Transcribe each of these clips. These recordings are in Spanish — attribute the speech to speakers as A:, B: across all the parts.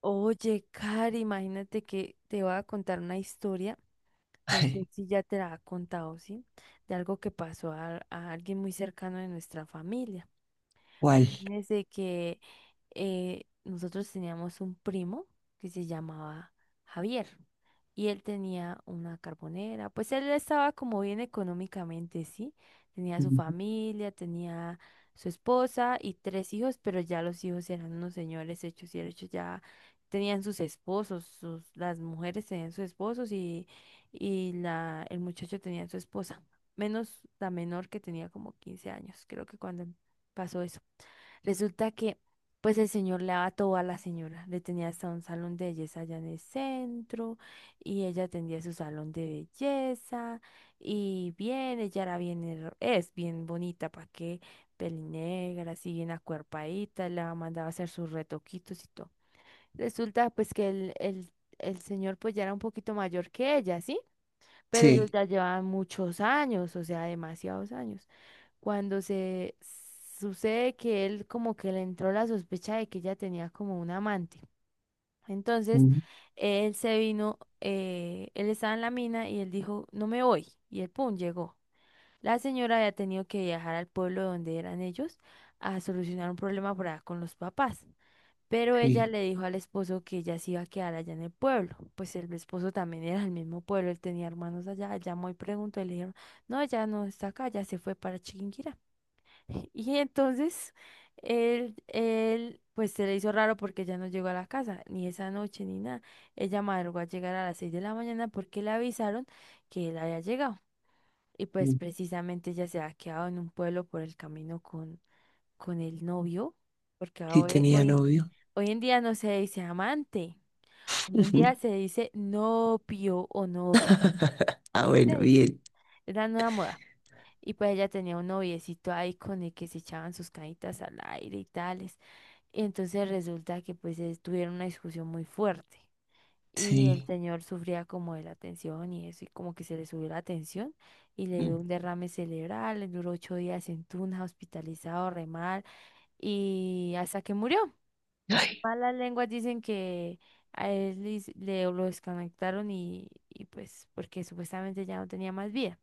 A: Oye, Cari, imagínate que te voy a contar una historia, no sé
B: Ay,
A: si ya te la ha contado, ¿sí? De algo que pasó a alguien muy cercano de nuestra familia.
B: ¿cuál?
A: Desde que nosotros teníamos un primo que se llamaba Javier y él tenía una carbonera, pues él estaba como bien económicamente, ¿sí? Tenía su
B: Ujú.
A: familia, tenía su esposa y tres hijos, pero ya los hijos eran unos señores hechos y derechos, ya tenían sus esposos, sus, las mujeres tenían sus esposos y la, el muchacho tenía su esposa, menos la menor que tenía como 15 años, creo que cuando pasó eso. Resulta que, pues el señor le daba todo a la señora. Le tenía hasta un salón de belleza allá en el centro y ella tenía su salón de belleza y bien, ella era bien, es bien bonita, ¿para qué? Pelinegra, así bien acuerpadita, la mandaba a hacer sus retoquitos y todo. Resulta pues que el señor pues ya era un poquito mayor que ella, ¿sí?, pero
B: Sí,
A: ellos ya llevaban muchos años, o sea, demasiados años. Cuando se sucede que él como que le entró la sospecha de que ella tenía como un amante. Entonces,
B: ujú,
A: él se vino, él estaba en la mina y él dijo, no me voy. Y él, pum, llegó. La señora había tenido que viajar al pueblo donde eran ellos a solucionar un problema por allá con los papás. Pero ella
B: sí,
A: le dijo al esposo que ella se iba a quedar allá en el pueblo. Pues el esposo también era del mismo pueblo, él tenía hermanos allá. Llamó y preguntó y le dijeron, no, ella no está acá, ya se fue para Chiquinquirá. Y entonces él, pues se le hizo raro porque ella no llegó a la casa, ni esa noche ni nada. Ella madrugó a llegar a las 6 de la mañana porque le avisaron que él había llegado. Y pues
B: ujú.
A: precisamente ella se había quedado en un pueblo por el camino con el novio, porque
B: Sí tenía novio.
A: hoy en día no se dice amante, hoy en
B: Ujú.
A: día se dice novio o novia.
B: Ah,
A: ¿Sí se
B: bueno,
A: dice?
B: bien.
A: Es la nueva moda. Y pues ella tenía un noviecito ahí con el que se echaban sus canitas al aire y tales. Y entonces resulta que pues tuvieron una discusión muy fuerte. Y el
B: Sí.
A: señor sufría como de la tensión y eso, y como que se le subió la tensión y le dio
B: Mm.
A: un derrame cerebral, le duró 8 días en Tuna, hospitalizado, re mal, y hasta que murió.
B: Ay,
A: Malas lenguas dicen que a él lo desconectaron y pues porque supuestamente ya no tenía más vida.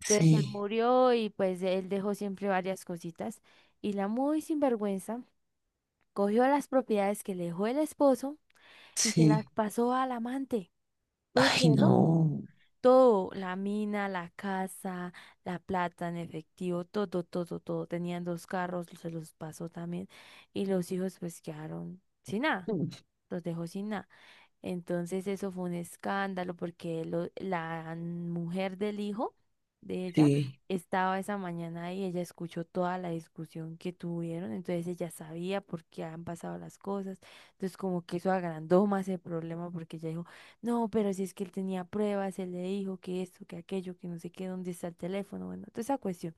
A: Entonces él
B: sí,
A: murió y pues él dejó siempre varias cositas. Y la muy sinvergüenza cogió las propiedades que le dejó el esposo y se las
B: sí.
A: pasó al amante. ¿Puede
B: Ay,
A: creerlo?
B: no.
A: Todo, la mina, la casa, la plata en efectivo, todo, todo, todo. Tenían dos carros, se los pasó también. Y los hijos pues quedaron sin nada,
B: Mm.
A: los dejó sin nada. Entonces eso fue un escándalo porque la mujer del hijo de ella
B: Sí,
A: estaba esa mañana ahí, ella escuchó toda la discusión que tuvieron, entonces ella sabía por qué han pasado las cosas, entonces como que eso agrandó más el problema porque ella dijo, no, pero si es que él tenía pruebas, él le dijo que esto, que aquello, que no sé qué, dónde está el teléfono, bueno, toda esa cuestión.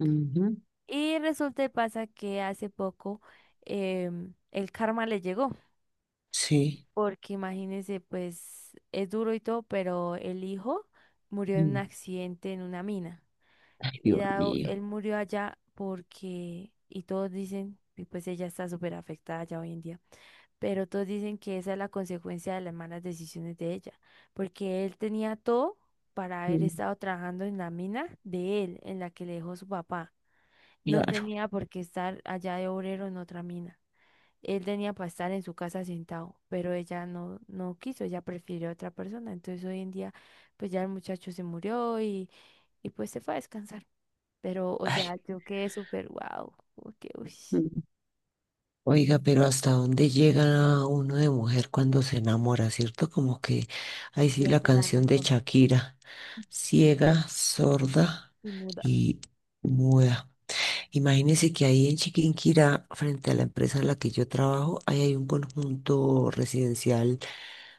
B: ujú,
A: Y resulta y pasa que hace poco el karma le llegó
B: sí.
A: porque imagínese, pues es duro y todo, pero el hijo murió en un
B: Mm.
A: accidente en una mina.
B: Ay,
A: Y
B: Dios
A: dado, él
B: mío.
A: murió allá porque, y todos dicen, y pues ella está súper afectada ya hoy en día, pero todos dicen que esa es la consecuencia de las malas decisiones de ella, porque él tenía todo para haber
B: Mm,
A: estado trabajando en la mina de él, en la que le dejó su papá. No
B: claro.
A: tenía por qué estar allá de obrero en otra mina. Él tenía para estar en su casa sentado, pero ella no, no quiso, ella prefirió a otra persona. Entonces hoy en día, pues ya el muchacho se murió y pues se fue a descansar. Pero, o sea,
B: Ay,
A: yo quedé súper wow, como que, uy,
B: mm. Oiga, pero ¿hasta dónde llega uno de mujer cuando se enamora, cierto? Como que ahí sí la
A: pierde la
B: canción de
A: razón
B: Shakira, ciega, sorda,
A: y muda.
B: y muda. Imagínense que ahí en Chiquinquirá, frente a la empresa en la que yo trabajo, ahí hay un conjunto residencial,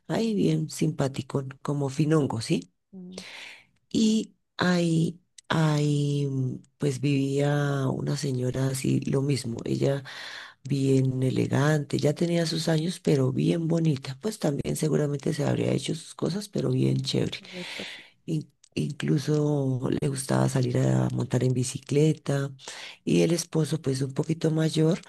B: ahí bien simpático, como Finongo, ¿sí?
A: Mm,
B: Y ahí, pues vivía una señora así, lo mismo, ella bien elegante, ya tenía sus años, pero bien bonita, pues también seguramente se habría hecho sus cosas, pero bien chévere.
A: correcto.
B: Incluso le gustaba salir a montar en bicicleta y el esposo, pues un poquito mayor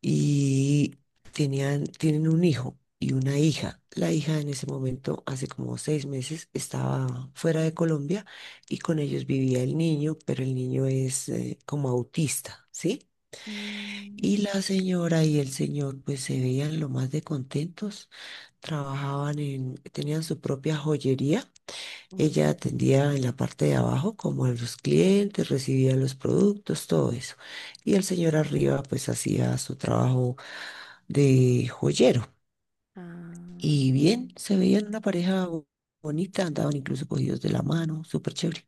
B: y tenían, tienen un hijo y una hija. La hija en ese momento, hace como 6 meses, estaba fuera de Colombia y con ellos vivía el niño, pero el niño es como autista, ¿sí?
A: Mm,
B: Y la señora y el señor pues se veían lo más de contentos, trabajaban en, tenían su propia joyería,
A: mm,
B: ella atendía en la parte de abajo como a los clientes, recibía los productos, todo eso. Y el señor arriba pues hacía su trabajo de joyero.
A: ah,
B: Y bien, se veían una pareja bonita, andaban incluso cogidos de la mano, súper chévere.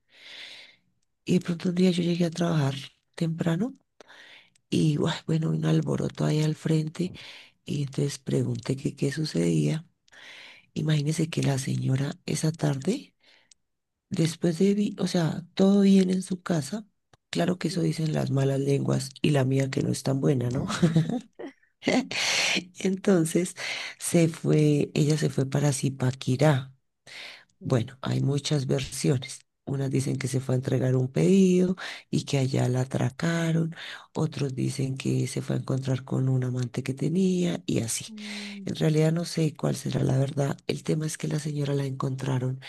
B: Y de pronto un día yo llegué a trabajar temprano y guay, bueno, un alboroto ahí al frente y entonces pregunté que qué sucedía. Imagínense que la señora esa tarde, después de, o sea, todo bien en su casa. Claro que eso
A: sí.
B: dicen las malas lenguas y la mía que no es tan buena, ¿no? Entonces se fue, ella se fue para Zipaquirá.
A: Sí.
B: Bueno, hay muchas versiones. Unas dicen que se fue a entregar un pedido y que allá la atracaron. Otros dicen que se fue a encontrar con un amante que tenía y así.
A: Mm,
B: En realidad no sé cuál será la verdad. El tema es que la señora la encontraron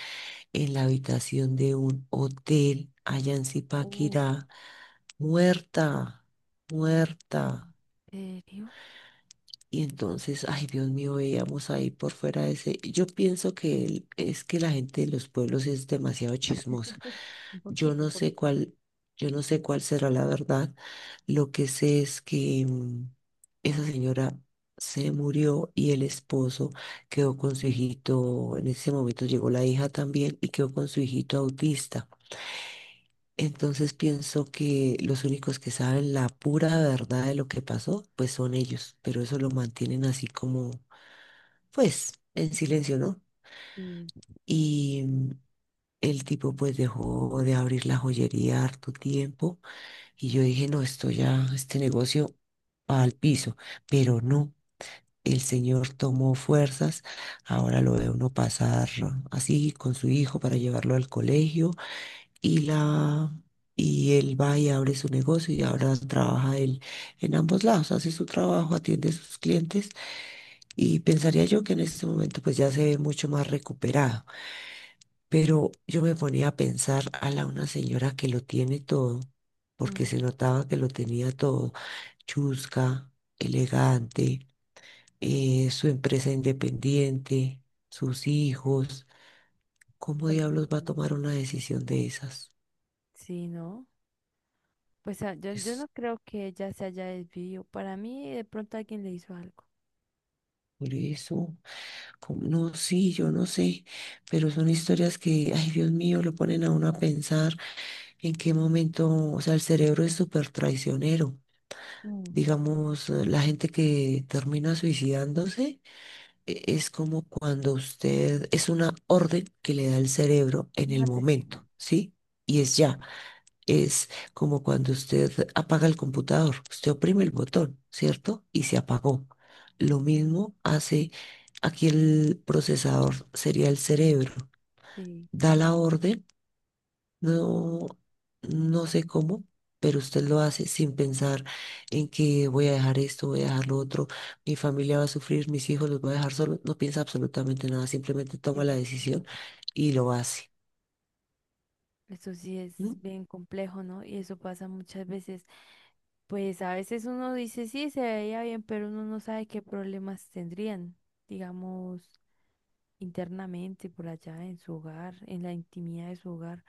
B: en la habitación de un hotel allá en
A: uf,
B: Zipaquirá, muerta, muerta.
A: ¿en serio?
B: Y entonces, ay Dios mío, veíamos ahí por fuera de ese. Yo pienso que el- es que la gente de los pueblos es demasiado chismosa.
A: Un
B: Yo
A: poquito, un
B: no sé
A: poquito.
B: cuál, yo no sé cuál será la verdad. Lo que sé es que esa señora se murió y el esposo quedó con su hijito. En ese momento llegó la hija también y quedó con su hijito autista. Entonces pienso que los únicos que saben la pura verdad de lo que pasó, pues son ellos, pero eso lo mantienen así como, pues, en silencio, ¿no?
A: Mm,
B: Y el tipo pues dejó de abrir la joyería harto tiempo y yo dije, no, esto ya, este negocio va al piso, pero no. El señor tomó fuerzas, ahora lo ve uno pasar así con su hijo para llevarlo al colegio, y la y él va y abre su negocio y ahora trabaja él en ambos lados, hace su trabajo, atiende a sus clientes y pensaría yo que en este momento pues ya se ve mucho más recuperado, pero yo me ponía a pensar a la una señora que lo tiene todo, porque
A: mm,
B: se notaba que lo tenía todo, chusca, elegante, su empresa independiente, sus hijos, ¿cómo
A: hola.
B: diablos va a
A: Mm,
B: tomar una decisión de esas?
A: sí, ¿no? Pues ah, yo
B: Es
A: no creo que ella se haya desviado. Para mí, de pronto alguien le hizo algo.
B: por eso. No, sí, yo no sé, pero son historias que, ay Dios mío, lo ponen a uno a pensar en qué momento, o sea, el cerebro es súper traicionero.
A: Mm,
B: Digamos, la gente que termina suicidándose es como cuando usted, es una orden que le da el cerebro en el
A: mate, sí.
B: momento, ¿sí? Y es ya. Es como cuando usted apaga el computador, usted oprime el botón, ¿cierto? Y se apagó. Lo mismo hace aquí el procesador, sería el cerebro.
A: Sí,
B: Da la orden, no, no sé cómo, pero usted lo hace sin pensar en que voy a dejar esto, voy a dejar lo otro, mi familia va a sufrir, mis hijos los voy a dejar solos. No piensa absolutamente nada, simplemente toma
A: yo-
B: la
A: yo-
B: decisión y lo hace.
A: eso sí es
B: ¿No?
A: bien complejo, ¿no? Y eso pasa muchas veces. Pues a veces uno dice, sí, se veía bien, pero uno no sabe qué problemas tendrían, digamos, internamente, por allá, en su hogar, en la intimidad de su hogar,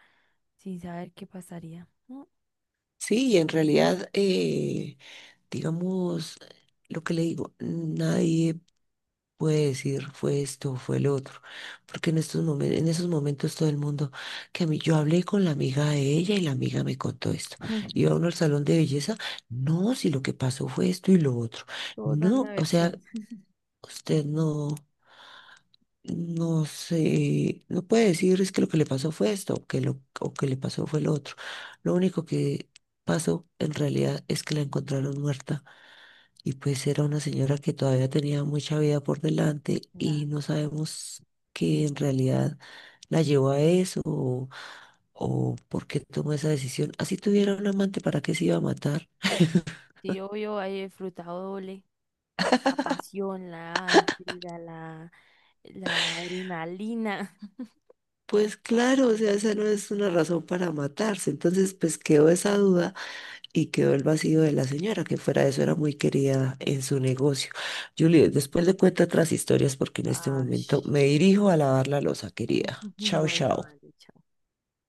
A: sin saber qué pasaría, ¿no?
B: Sí, y en realidad, digamos, lo que le digo, nadie puede decir fue esto, fue lo otro, porque en estos en esos momentos todo el mundo, que a mí yo hablé con la amiga de ella y la amiga me contó esto.
A: Ujú.
B: Iba uno al salón de belleza, no, si lo que pasó fue esto y lo otro.
A: Todos dan
B: No,
A: la
B: o sea,
A: versión.
B: usted no no sé, no puede decir es que lo que le pasó fue esto o que lo o que le pasó fue lo otro. Lo único que pasó en realidad es que la encontraron muerta y pues era una señora que todavía tenía mucha vida por delante
A: Ya.
B: y no sabemos que en realidad la llevó a eso, o por qué tomó esa decisión. Así tuviera un amante, ¿para qué se iba a matar?
A: Sí, obvio, hay el frutado doble. La pasión, la intriga, la adrenalina.
B: Pues claro, o sea, esa no es una razón para matarse. Entonces, pues quedó esa duda y quedó el vacío de la señora, que fuera de eso era muy querida en su negocio. Julie, después le cuento otras historias porque en este momento
A: Ash.
B: me dirijo a lavar la loza, querida. Chao,
A: Bueno,
B: chao.
A: vale, chao.